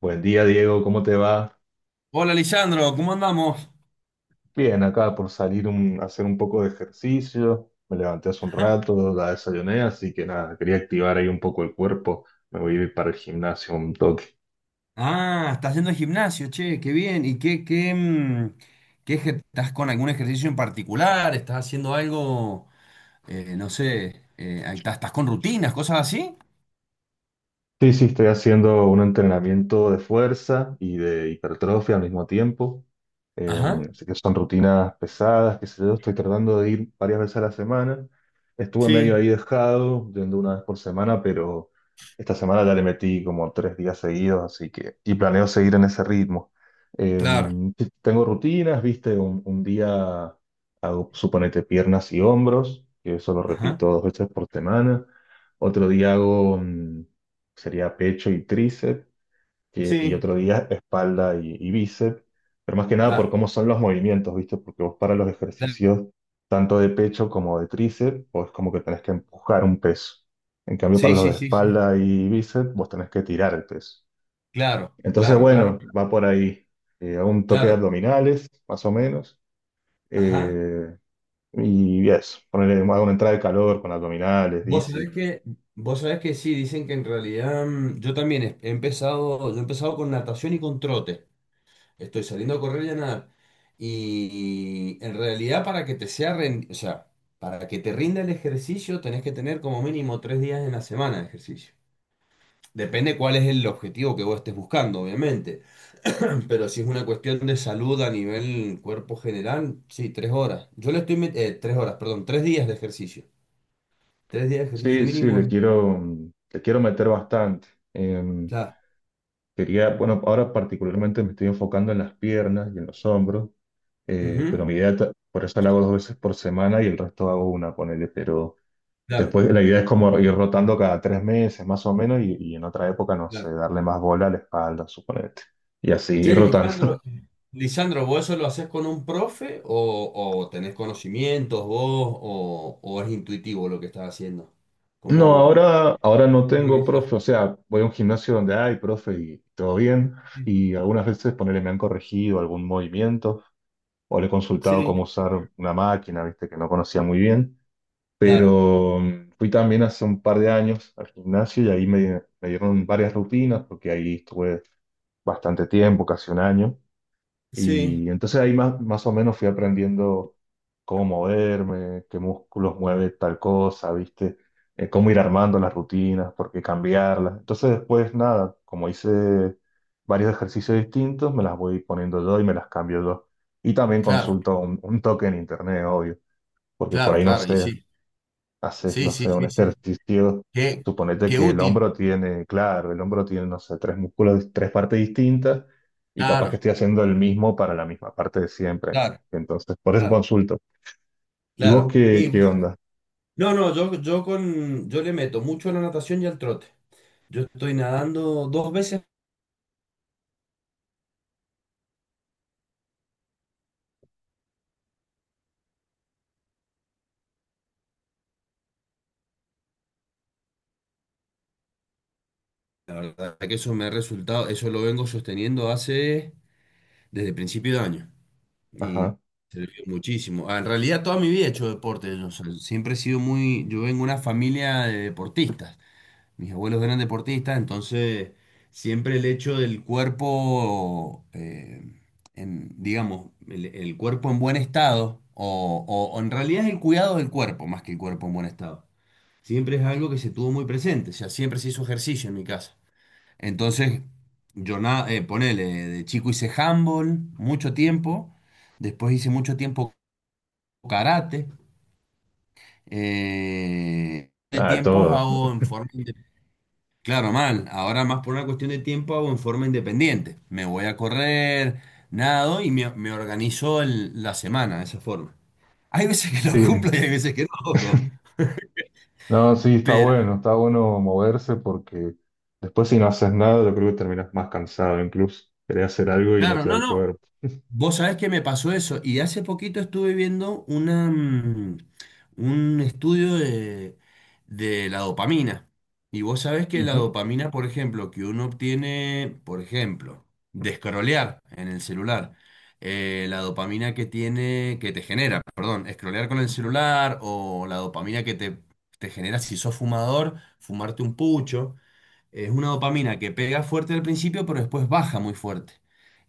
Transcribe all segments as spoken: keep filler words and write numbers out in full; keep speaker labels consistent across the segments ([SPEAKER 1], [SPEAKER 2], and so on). [SPEAKER 1] Buen día, Diego, ¿cómo te va?
[SPEAKER 2] Hola, Lisandro, ¿cómo andamos?
[SPEAKER 1] Bien, acá por salir un, a hacer un poco de ejercicio. Me levanté hace un
[SPEAKER 2] Ajá.
[SPEAKER 1] rato, la desayuné, así que nada, quería activar ahí un poco el cuerpo. Me voy a ir para el gimnasio un toque.
[SPEAKER 2] Ah, estás yendo al gimnasio, che, qué bien. ¿Y qué, qué, mm, qué ejer- estás con algún ejercicio en particular? ¿Estás haciendo algo, eh, no sé, eh, ahí estás, estás con rutinas, cosas así?
[SPEAKER 1] Sí, sí, estoy haciendo un entrenamiento de fuerza y de hipertrofia al mismo tiempo. Eh,
[SPEAKER 2] Ajá.
[SPEAKER 1] Así que son rutinas pesadas, que sé yo, estoy tratando de ir varias veces a la semana. Estuve medio
[SPEAKER 2] Sí.
[SPEAKER 1] ahí dejado, yendo una vez por semana, pero esta semana ya le metí como tres días seguidos, así que, y planeo seguir en ese ritmo. Eh,
[SPEAKER 2] Claro.
[SPEAKER 1] sí, tengo rutinas, viste, un, un día hago, suponete, piernas y hombros, que eso lo
[SPEAKER 2] Ajá.
[SPEAKER 1] repito dos veces por semana. Otro día hago mm, sería pecho y tríceps, que- y
[SPEAKER 2] Sí.
[SPEAKER 1] otro día espalda y, y bíceps, pero más que nada por
[SPEAKER 2] Claro,
[SPEAKER 1] cómo son los movimientos, ¿viste? Porque vos para los
[SPEAKER 2] claro.
[SPEAKER 1] ejercicios tanto de pecho como de tríceps, vos es como que tenés que empujar un peso. En cambio, para
[SPEAKER 2] Sí,
[SPEAKER 1] los
[SPEAKER 2] sí,
[SPEAKER 1] de
[SPEAKER 2] sí, sí.
[SPEAKER 1] espalda y bíceps, vos tenés que tirar el peso.
[SPEAKER 2] Claro,
[SPEAKER 1] Entonces,
[SPEAKER 2] claro, claro,
[SPEAKER 1] bueno, va por ahí. Eh, hago un toque de
[SPEAKER 2] claro.
[SPEAKER 1] abdominales, más o menos.
[SPEAKER 2] Ajá.
[SPEAKER 1] eh, y eso, ponerle hago una entrada de calor con abdominales,
[SPEAKER 2] Vos
[SPEAKER 1] dice.
[SPEAKER 2] sabés que, vos sabés que sí, dicen que en realidad mm, yo también he he empezado, yo he empezado con natación y con trote. Estoy saliendo a correr y a nadar. Y en realidad para que te sea, ren- o sea, para que te rinda el ejercicio tenés que tener como mínimo tres días en la semana de ejercicio. Depende cuál es el objetivo que vos estés buscando, obviamente. Pero si es una cuestión de salud a nivel cuerpo general, sí, tres horas. Yo le estoy met- eh, tres horas, perdón, tres días de ejercicio. Tres días de ejercicio
[SPEAKER 1] Sí, sí,
[SPEAKER 2] mínimo
[SPEAKER 1] le
[SPEAKER 2] es...
[SPEAKER 1] quiero, le quiero meter bastante. Eh,
[SPEAKER 2] Claro.
[SPEAKER 1] Quería, bueno, ahora particularmente me estoy enfocando en las piernas y en los hombros, eh, pero
[SPEAKER 2] Ujú.
[SPEAKER 1] mi idea, ta- por eso la hago dos veces por semana y el resto hago una, ponele, pero
[SPEAKER 2] Claro,
[SPEAKER 1] después la idea es como ir rotando cada tres meses más o menos y, y en otra época, no
[SPEAKER 2] claro.
[SPEAKER 1] sé, darle más bola a la espalda, suponete, y así
[SPEAKER 2] Che,
[SPEAKER 1] ir rotando.
[SPEAKER 2] Lisandro, Lisandro, ¿vos eso lo haces con un profe o, o tenés conocimientos vos o, o es intuitivo lo que estás haciendo?
[SPEAKER 1] No,
[SPEAKER 2] ¿Cómo
[SPEAKER 1] ahora, ahora no tengo
[SPEAKER 2] organizás?
[SPEAKER 1] profe, o sea, voy a un gimnasio donde hay profe y todo bien, y algunas veces ponele me han corregido algún movimiento o le he consultado
[SPEAKER 2] Sí,
[SPEAKER 1] cómo usar una máquina, viste, que no conocía muy bien.
[SPEAKER 2] claro,
[SPEAKER 1] Pero mm, fui también hace un par de años al gimnasio y ahí me, me dieron varias rutinas porque ahí estuve bastante tiempo, casi un año.
[SPEAKER 2] sí,
[SPEAKER 1] Y entonces ahí más, más o menos fui aprendiendo cómo moverme, qué músculos mueve tal cosa, ¿viste? Eh, cómo ir armando las rutinas, por qué cambiarlas. Entonces después nada, como hice varios ejercicios distintos, me las voy poniendo yo y me las cambio yo. Y también
[SPEAKER 2] claro,
[SPEAKER 1] consulto un, un toque en internet, obvio, porque por
[SPEAKER 2] claro,
[SPEAKER 1] ahí no
[SPEAKER 2] claro, y
[SPEAKER 1] sé
[SPEAKER 2] sí,
[SPEAKER 1] haces,
[SPEAKER 2] sí,
[SPEAKER 1] no
[SPEAKER 2] sí,
[SPEAKER 1] sé, un
[SPEAKER 2] sí, sí.
[SPEAKER 1] ejercicio,
[SPEAKER 2] Qué,
[SPEAKER 1] suponete
[SPEAKER 2] qué
[SPEAKER 1] que el
[SPEAKER 2] útil,
[SPEAKER 1] hombro tiene, claro, el hombro tiene, no sé, tres músculos, tres partes distintas y capaz que
[SPEAKER 2] claro,
[SPEAKER 1] estoy haciendo el mismo para la misma parte de siempre.
[SPEAKER 2] claro,
[SPEAKER 1] Entonces, por eso
[SPEAKER 2] claro,
[SPEAKER 1] consulto. ¿Y vos
[SPEAKER 2] claro.
[SPEAKER 1] qué,
[SPEAKER 2] Y
[SPEAKER 1] qué onda?
[SPEAKER 2] no, no, yo, yo con, yo le meto mucho a la natación y al trote. Yo estoy nadando dos veces, la verdad que eso me ha resultado, eso lo vengo sosteniendo hace desde principio de año y
[SPEAKER 1] Ajá.
[SPEAKER 2] sirvió muchísimo. Ah, en realidad toda mi vida he hecho deporte, yo, o sea, siempre he sido muy, yo vengo de una familia de deportistas, mis abuelos eran deportistas, entonces siempre el hecho del cuerpo, eh, en, digamos, el, el cuerpo en buen estado, o, o o en realidad es el cuidado del cuerpo más que el cuerpo en buen estado, siempre es algo que se tuvo muy presente, o sea, siempre se hizo ejercicio en mi casa. Entonces, yo na- eh, ponele, de chico hice handball mucho tiempo, después hice mucho tiempo karate, eh, de
[SPEAKER 1] Ah,
[SPEAKER 2] tiempos
[SPEAKER 1] todo.
[SPEAKER 2] hago en forma independiente. Claro, mal, ahora más por una cuestión de tiempo hago en forma independiente. Me voy a correr, nado y me, me organizo el- la semana de esa forma. Hay veces que lo
[SPEAKER 1] Sí.
[SPEAKER 2] cumplo y hay veces que no.
[SPEAKER 1] No, sí, está
[SPEAKER 2] Pero
[SPEAKER 1] bueno, está bueno moverse porque después si no haces nada, yo creo que terminas más cansado incluso. Querés hacer algo y no
[SPEAKER 2] claro,
[SPEAKER 1] te da
[SPEAKER 2] no,
[SPEAKER 1] el
[SPEAKER 2] no.
[SPEAKER 1] cuerpo.
[SPEAKER 2] Vos sabés que me pasó eso y hace poquito estuve viendo una, mm, un estudio de, de la dopamina. Y vos sabés que la
[SPEAKER 1] Ujú.
[SPEAKER 2] dopamina, por ejemplo, que uno obtiene, por ejemplo, de scrollear en el celular, eh, la dopamina que tiene, que te genera, perdón, scrollear con el celular o la dopamina que te, te genera si sos fumador, fumarte un pucho. Es una dopamina que pega fuerte al principio, pero después baja muy fuerte.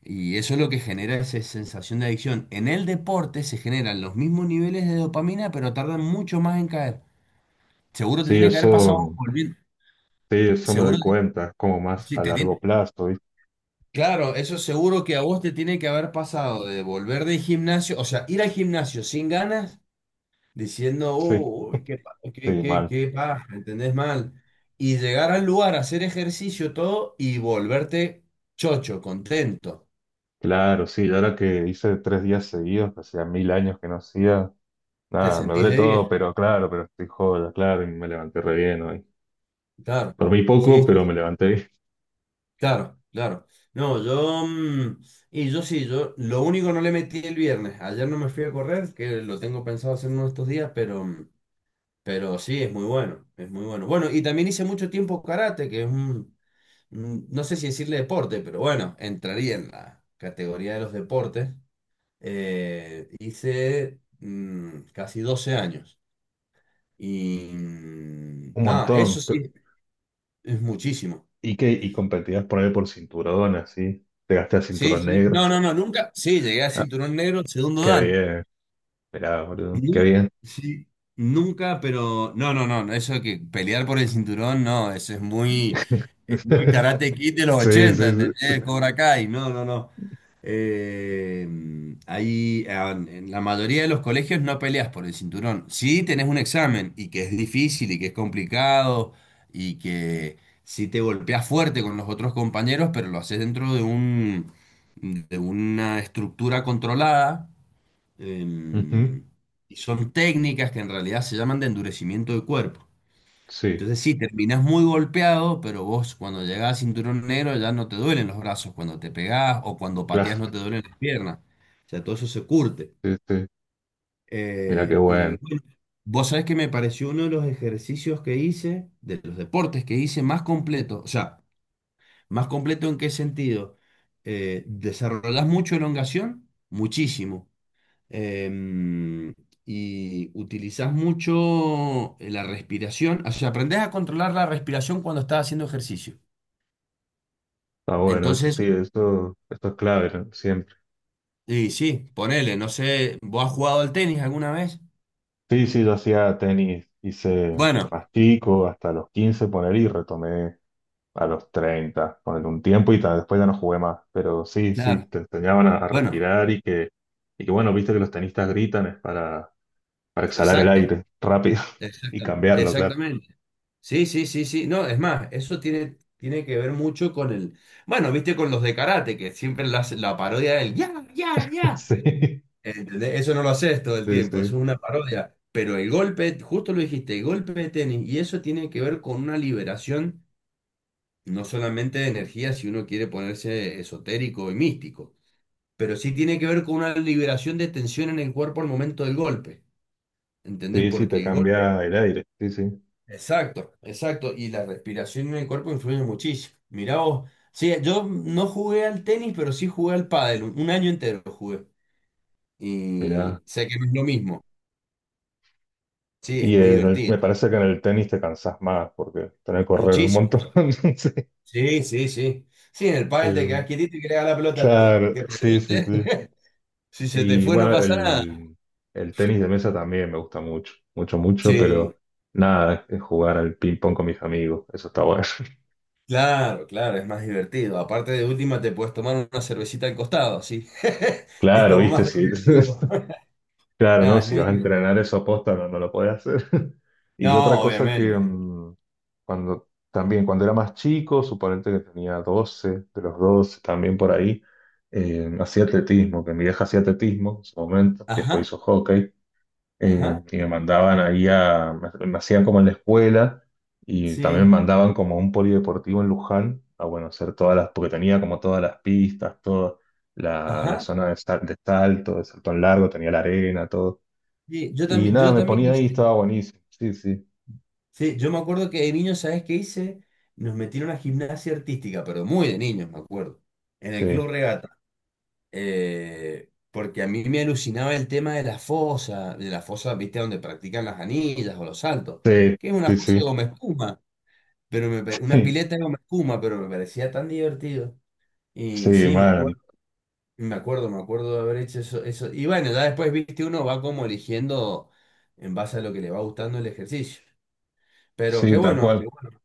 [SPEAKER 2] Y eso es lo que genera esa sensación de adicción. En el deporte se generan los mismos niveles de dopamina, pero tardan mucho más en caer. Seguro te
[SPEAKER 1] Sí,
[SPEAKER 2] tiene que haber pasado
[SPEAKER 1] eso,
[SPEAKER 2] volviendo.
[SPEAKER 1] sí, eso me doy
[SPEAKER 2] Seguro,
[SPEAKER 1] cuenta, es como más
[SPEAKER 2] sí,
[SPEAKER 1] a
[SPEAKER 2] te
[SPEAKER 1] largo
[SPEAKER 2] tiene...
[SPEAKER 1] plazo, ¿viste?
[SPEAKER 2] Claro, eso seguro que a vos te tiene que haber pasado de volver del gimnasio, o sea, ir al gimnasio sin ganas diciendo,
[SPEAKER 1] Sí.
[SPEAKER 2] uy, qué, pa- qué,
[SPEAKER 1] Sí,
[SPEAKER 2] qué,
[SPEAKER 1] mal.
[SPEAKER 2] qué paja, ¿entendés mal? Y llegar al lugar, hacer ejercicio, todo, y volverte chocho, contento.
[SPEAKER 1] Claro, sí, y ahora que hice tres días seguidos, que hacía mil años que no hacía,
[SPEAKER 2] Te
[SPEAKER 1] nada, me
[SPEAKER 2] sentís
[SPEAKER 1] duele
[SPEAKER 2] de
[SPEAKER 1] todo,
[SPEAKER 2] diez.
[SPEAKER 1] pero claro, pero estoy joda, claro, y me levanté re bien hoy.
[SPEAKER 2] Claro,
[SPEAKER 1] Dormí
[SPEAKER 2] sí,
[SPEAKER 1] poco,
[SPEAKER 2] sí,
[SPEAKER 1] pero
[SPEAKER 2] sí,
[SPEAKER 1] me levanté.
[SPEAKER 2] claro, claro. No, yo, mm, y yo sí, yo, lo único no le metí el viernes. Ayer no me fui a correr, que lo tengo pensado hacer uno de estos días, pero, mm, pero sí, es muy bueno, es muy bueno. Bueno, y también hice mucho tiempo karate, que es un, mm, no sé si decirle deporte, pero bueno, entraría en la categoría de los deportes. Eh, hice mm, casi doce años. Y mm,
[SPEAKER 1] Un
[SPEAKER 2] nada,
[SPEAKER 1] montón.
[SPEAKER 2] eso sí, es muchísimo.
[SPEAKER 1] Y que, ¿y competías por ahí por cinturón, así? Te gasté el
[SPEAKER 2] Sí,
[SPEAKER 1] cinturón
[SPEAKER 2] sí.
[SPEAKER 1] negro.
[SPEAKER 2] No, no, no, nunca. Sí, llegué a
[SPEAKER 1] Ah,
[SPEAKER 2] cinturón negro, segundo
[SPEAKER 1] qué
[SPEAKER 2] dan.
[SPEAKER 1] bien, mirá, boludo, qué
[SPEAKER 2] Nu...
[SPEAKER 1] bien.
[SPEAKER 2] sí, nunca, pero no, no, no, eso que pelear por el cinturón, no, eso es muy, es muy Karate Kid de los
[SPEAKER 1] Sí, sí,
[SPEAKER 2] ochenta,
[SPEAKER 1] sí.
[SPEAKER 2] ¿entendés? Cobra Kai, no, no, no. Eh, ahí, ah, en la mayoría de los colegios no peleas por el cinturón. Sí tenés un examen y que es difícil y que es complicado y que sí te golpeas fuerte con los otros compañeros, pero lo haces dentro de un, de una estructura controlada.
[SPEAKER 1] Ujú.
[SPEAKER 2] Em, y son técnicas que en realidad se llaman de endurecimiento del cuerpo.
[SPEAKER 1] Sí,
[SPEAKER 2] Entonces sí, terminás muy golpeado, pero vos cuando llegás a cinturón negro ya no te duelen los brazos cuando te pegás o cuando
[SPEAKER 1] claro,
[SPEAKER 2] pateás no te duelen las piernas. O sea, todo eso se curte.
[SPEAKER 1] sí, sí. Mira qué
[SPEAKER 2] Eh,
[SPEAKER 1] bueno.
[SPEAKER 2] y bueno, vos sabés que me pareció uno de los ejercicios que hice, de los deportes que hice más completo. O sea, ¿más completo en qué sentido? Eh, desarrollás mucho elongación, muchísimo. em, y utilizás mucho eh, la respiración, o sea, aprendés a controlar la respiración cuando estás haciendo ejercicio.
[SPEAKER 1] Está bueno, eso
[SPEAKER 2] Entonces,
[SPEAKER 1] sí, eso, esto es clave, ¿no? Siempre.
[SPEAKER 2] y sí, ponele, no sé, ¿vos has jugado al tenis alguna vez?
[SPEAKER 1] Sí, sí, yo hacía tenis, hice
[SPEAKER 2] Bueno,
[SPEAKER 1] más chico, hasta los quince poner y retomé a los treinta, poner un tiempo y tal, después ya no jugué más, pero sí, sí,
[SPEAKER 2] claro,
[SPEAKER 1] te enseñaban a, a
[SPEAKER 2] bueno,
[SPEAKER 1] respirar y que, y que bueno, viste que los tenistas gritan es para, para exhalar el
[SPEAKER 2] exacto,
[SPEAKER 1] aire rápido y
[SPEAKER 2] exacta-
[SPEAKER 1] cambiarlo, claro.
[SPEAKER 2] exactamente. Sí, sí, sí, sí, no, es más, eso tiene, tiene que ver mucho con el, bueno, viste con los de karate, que siempre la, la parodia del ya, ya, ya.
[SPEAKER 1] Sí,
[SPEAKER 2] ¿Entendés? Eso no lo haces todo el
[SPEAKER 1] sí,
[SPEAKER 2] tiempo,
[SPEAKER 1] sí,
[SPEAKER 2] eso es una parodia. Pero el golpe, justo lo dijiste, el golpe de tenis, y eso tiene que ver con una liberación, no solamente de energía, si uno quiere ponerse esotérico y místico, pero sí tiene que ver con una liberación de tensión en el cuerpo al momento del golpe. ¿Entendés?
[SPEAKER 1] sí, sí,
[SPEAKER 2] Porque
[SPEAKER 1] te
[SPEAKER 2] el golpe.
[SPEAKER 1] cambia el aire, sí, sí,
[SPEAKER 2] Exacto, exacto. Y la respiración en el cuerpo influye muchísimo. Mirá vos. Sí, yo no jugué al tenis, pero sí jugué al pádel. Un un año entero jugué. Y
[SPEAKER 1] mirá.
[SPEAKER 2] sé que no es lo mismo. Sí, es
[SPEAKER 1] Y
[SPEAKER 2] muy
[SPEAKER 1] en el- me
[SPEAKER 2] divertido.
[SPEAKER 1] parece que en el tenis te cansás más porque tenés que correr un
[SPEAKER 2] Muchísimo.
[SPEAKER 1] montón. Sí.
[SPEAKER 2] Sí, sí, sí. Sí, en el pádel te
[SPEAKER 1] Eh,
[SPEAKER 2] quedás quietito y que le haga la pelota a ti,
[SPEAKER 1] claro,
[SPEAKER 2] que
[SPEAKER 1] sí, sí,
[SPEAKER 2] rebote.
[SPEAKER 1] sí.
[SPEAKER 2] Si se te
[SPEAKER 1] Y
[SPEAKER 2] fue, no
[SPEAKER 1] bueno,
[SPEAKER 2] pasa nada.
[SPEAKER 1] el, el tenis de mesa también me gusta mucho, mucho, mucho,
[SPEAKER 2] Sí,
[SPEAKER 1] pero nada, es jugar al ping pong con mis amigos, eso está bueno.
[SPEAKER 2] claro, claro, es más divertido. Aparte de última, te puedes tomar una cervecita al costado, sí. Es
[SPEAKER 1] Claro,
[SPEAKER 2] como
[SPEAKER 1] viste,
[SPEAKER 2] más
[SPEAKER 1] sí.
[SPEAKER 2] recreativo.
[SPEAKER 1] Claro, no,
[SPEAKER 2] Nada, es
[SPEAKER 1] si
[SPEAKER 2] muy
[SPEAKER 1] vas a
[SPEAKER 2] divertido.
[SPEAKER 1] entrenar eso posta no, no lo podés hacer. Y otra
[SPEAKER 2] No,
[SPEAKER 1] cosa que
[SPEAKER 2] obviamente.
[SPEAKER 1] mm, cuando también, cuando era más chico, suponente que tenía doce de los doce también por ahí, eh, hacía atletismo, que mi vieja hacía atletismo en su momento, y después
[SPEAKER 2] Ajá,
[SPEAKER 1] hizo hockey. Eh,
[SPEAKER 2] ajá,
[SPEAKER 1] y me mandaban ahí a, me, me hacían como en la escuela y también me
[SPEAKER 2] sí,
[SPEAKER 1] mandaban como a un polideportivo en Luján, a bueno, hacer todas las, porque tenía como todas las pistas, toda la, la
[SPEAKER 2] ajá.
[SPEAKER 1] zona de, sal- de salto, de salto en largo, tenía la arena, todo.
[SPEAKER 2] Sí, yo
[SPEAKER 1] Y
[SPEAKER 2] también,
[SPEAKER 1] nada,
[SPEAKER 2] yo
[SPEAKER 1] me
[SPEAKER 2] también
[SPEAKER 1] ponía ahí,
[SPEAKER 2] hice.
[SPEAKER 1] estaba buenísimo. Sí, sí,
[SPEAKER 2] Sí, yo me acuerdo que de niño, ¿sabes qué hice? Nos metieron a gimnasia artística, pero muy de niños, me acuerdo. En el
[SPEAKER 1] sí,
[SPEAKER 2] Club Regata. Eh, porque a mí me alucinaba el tema de la fosa, de la fosa, viste, donde practican las anillas o los saltos,
[SPEAKER 1] sí,
[SPEAKER 2] que es una
[SPEAKER 1] sí,
[SPEAKER 2] fosa
[SPEAKER 1] sí,
[SPEAKER 2] de goma espuma, pero me, pare- una pileta de goma espuma, pero me parecía tan divertido. Y
[SPEAKER 1] sí,
[SPEAKER 2] sí, me
[SPEAKER 1] man,
[SPEAKER 2] acuerdo, me acuerdo, me acuerdo de haber hecho eso, eso. Y bueno, ya después, viste, uno va como eligiendo en base a lo que le va gustando el ejercicio. Pero qué
[SPEAKER 1] sí, tal
[SPEAKER 2] bueno,
[SPEAKER 1] cual.
[SPEAKER 2] qué bueno.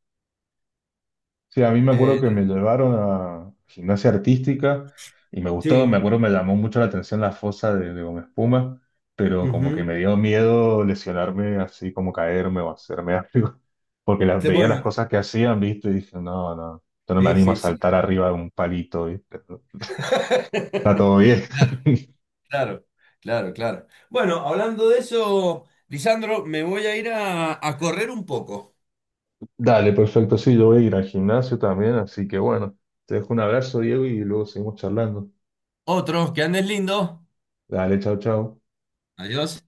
[SPEAKER 1] Sí, a mí me acuerdo
[SPEAKER 2] Eh,
[SPEAKER 1] que me llevaron a gimnasia artística y me gustó, me
[SPEAKER 2] sí,
[SPEAKER 1] acuerdo me llamó mucho la atención la fosa de, de Gómez Puma, pero como que
[SPEAKER 2] ujú.
[SPEAKER 1] me dio miedo lesionarme así como caerme o hacerme algo, porque las,
[SPEAKER 2] Qué
[SPEAKER 1] veía las
[SPEAKER 2] bueno,
[SPEAKER 1] cosas que hacían, ¿viste? Y dije, no, no, yo no me
[SPEAKER 2] sí,
[SPEAKER 1] animo a
[SPEAKER 2] sí, sí.
[SPEAKER 1] saltar arriba de un palito, ¿viste? Está todo bien.
[SPEAKER 2] Claro, claro, claro, claro. Bueno, hablando de eso, Lisandro, me voy a ir a, a correr un poco.
[SPEAKER 1] Dale, perfecto, sí, yo voy a ir al gimnasio también, así que bueno, te dejo un abrazo, Diego, y luego seguimos charlando.
[SPEAKER 2] Otros que andes lindo.
[SPEAKER 1] Dale, chao, chao.
[SPEAKER 2] Adiós.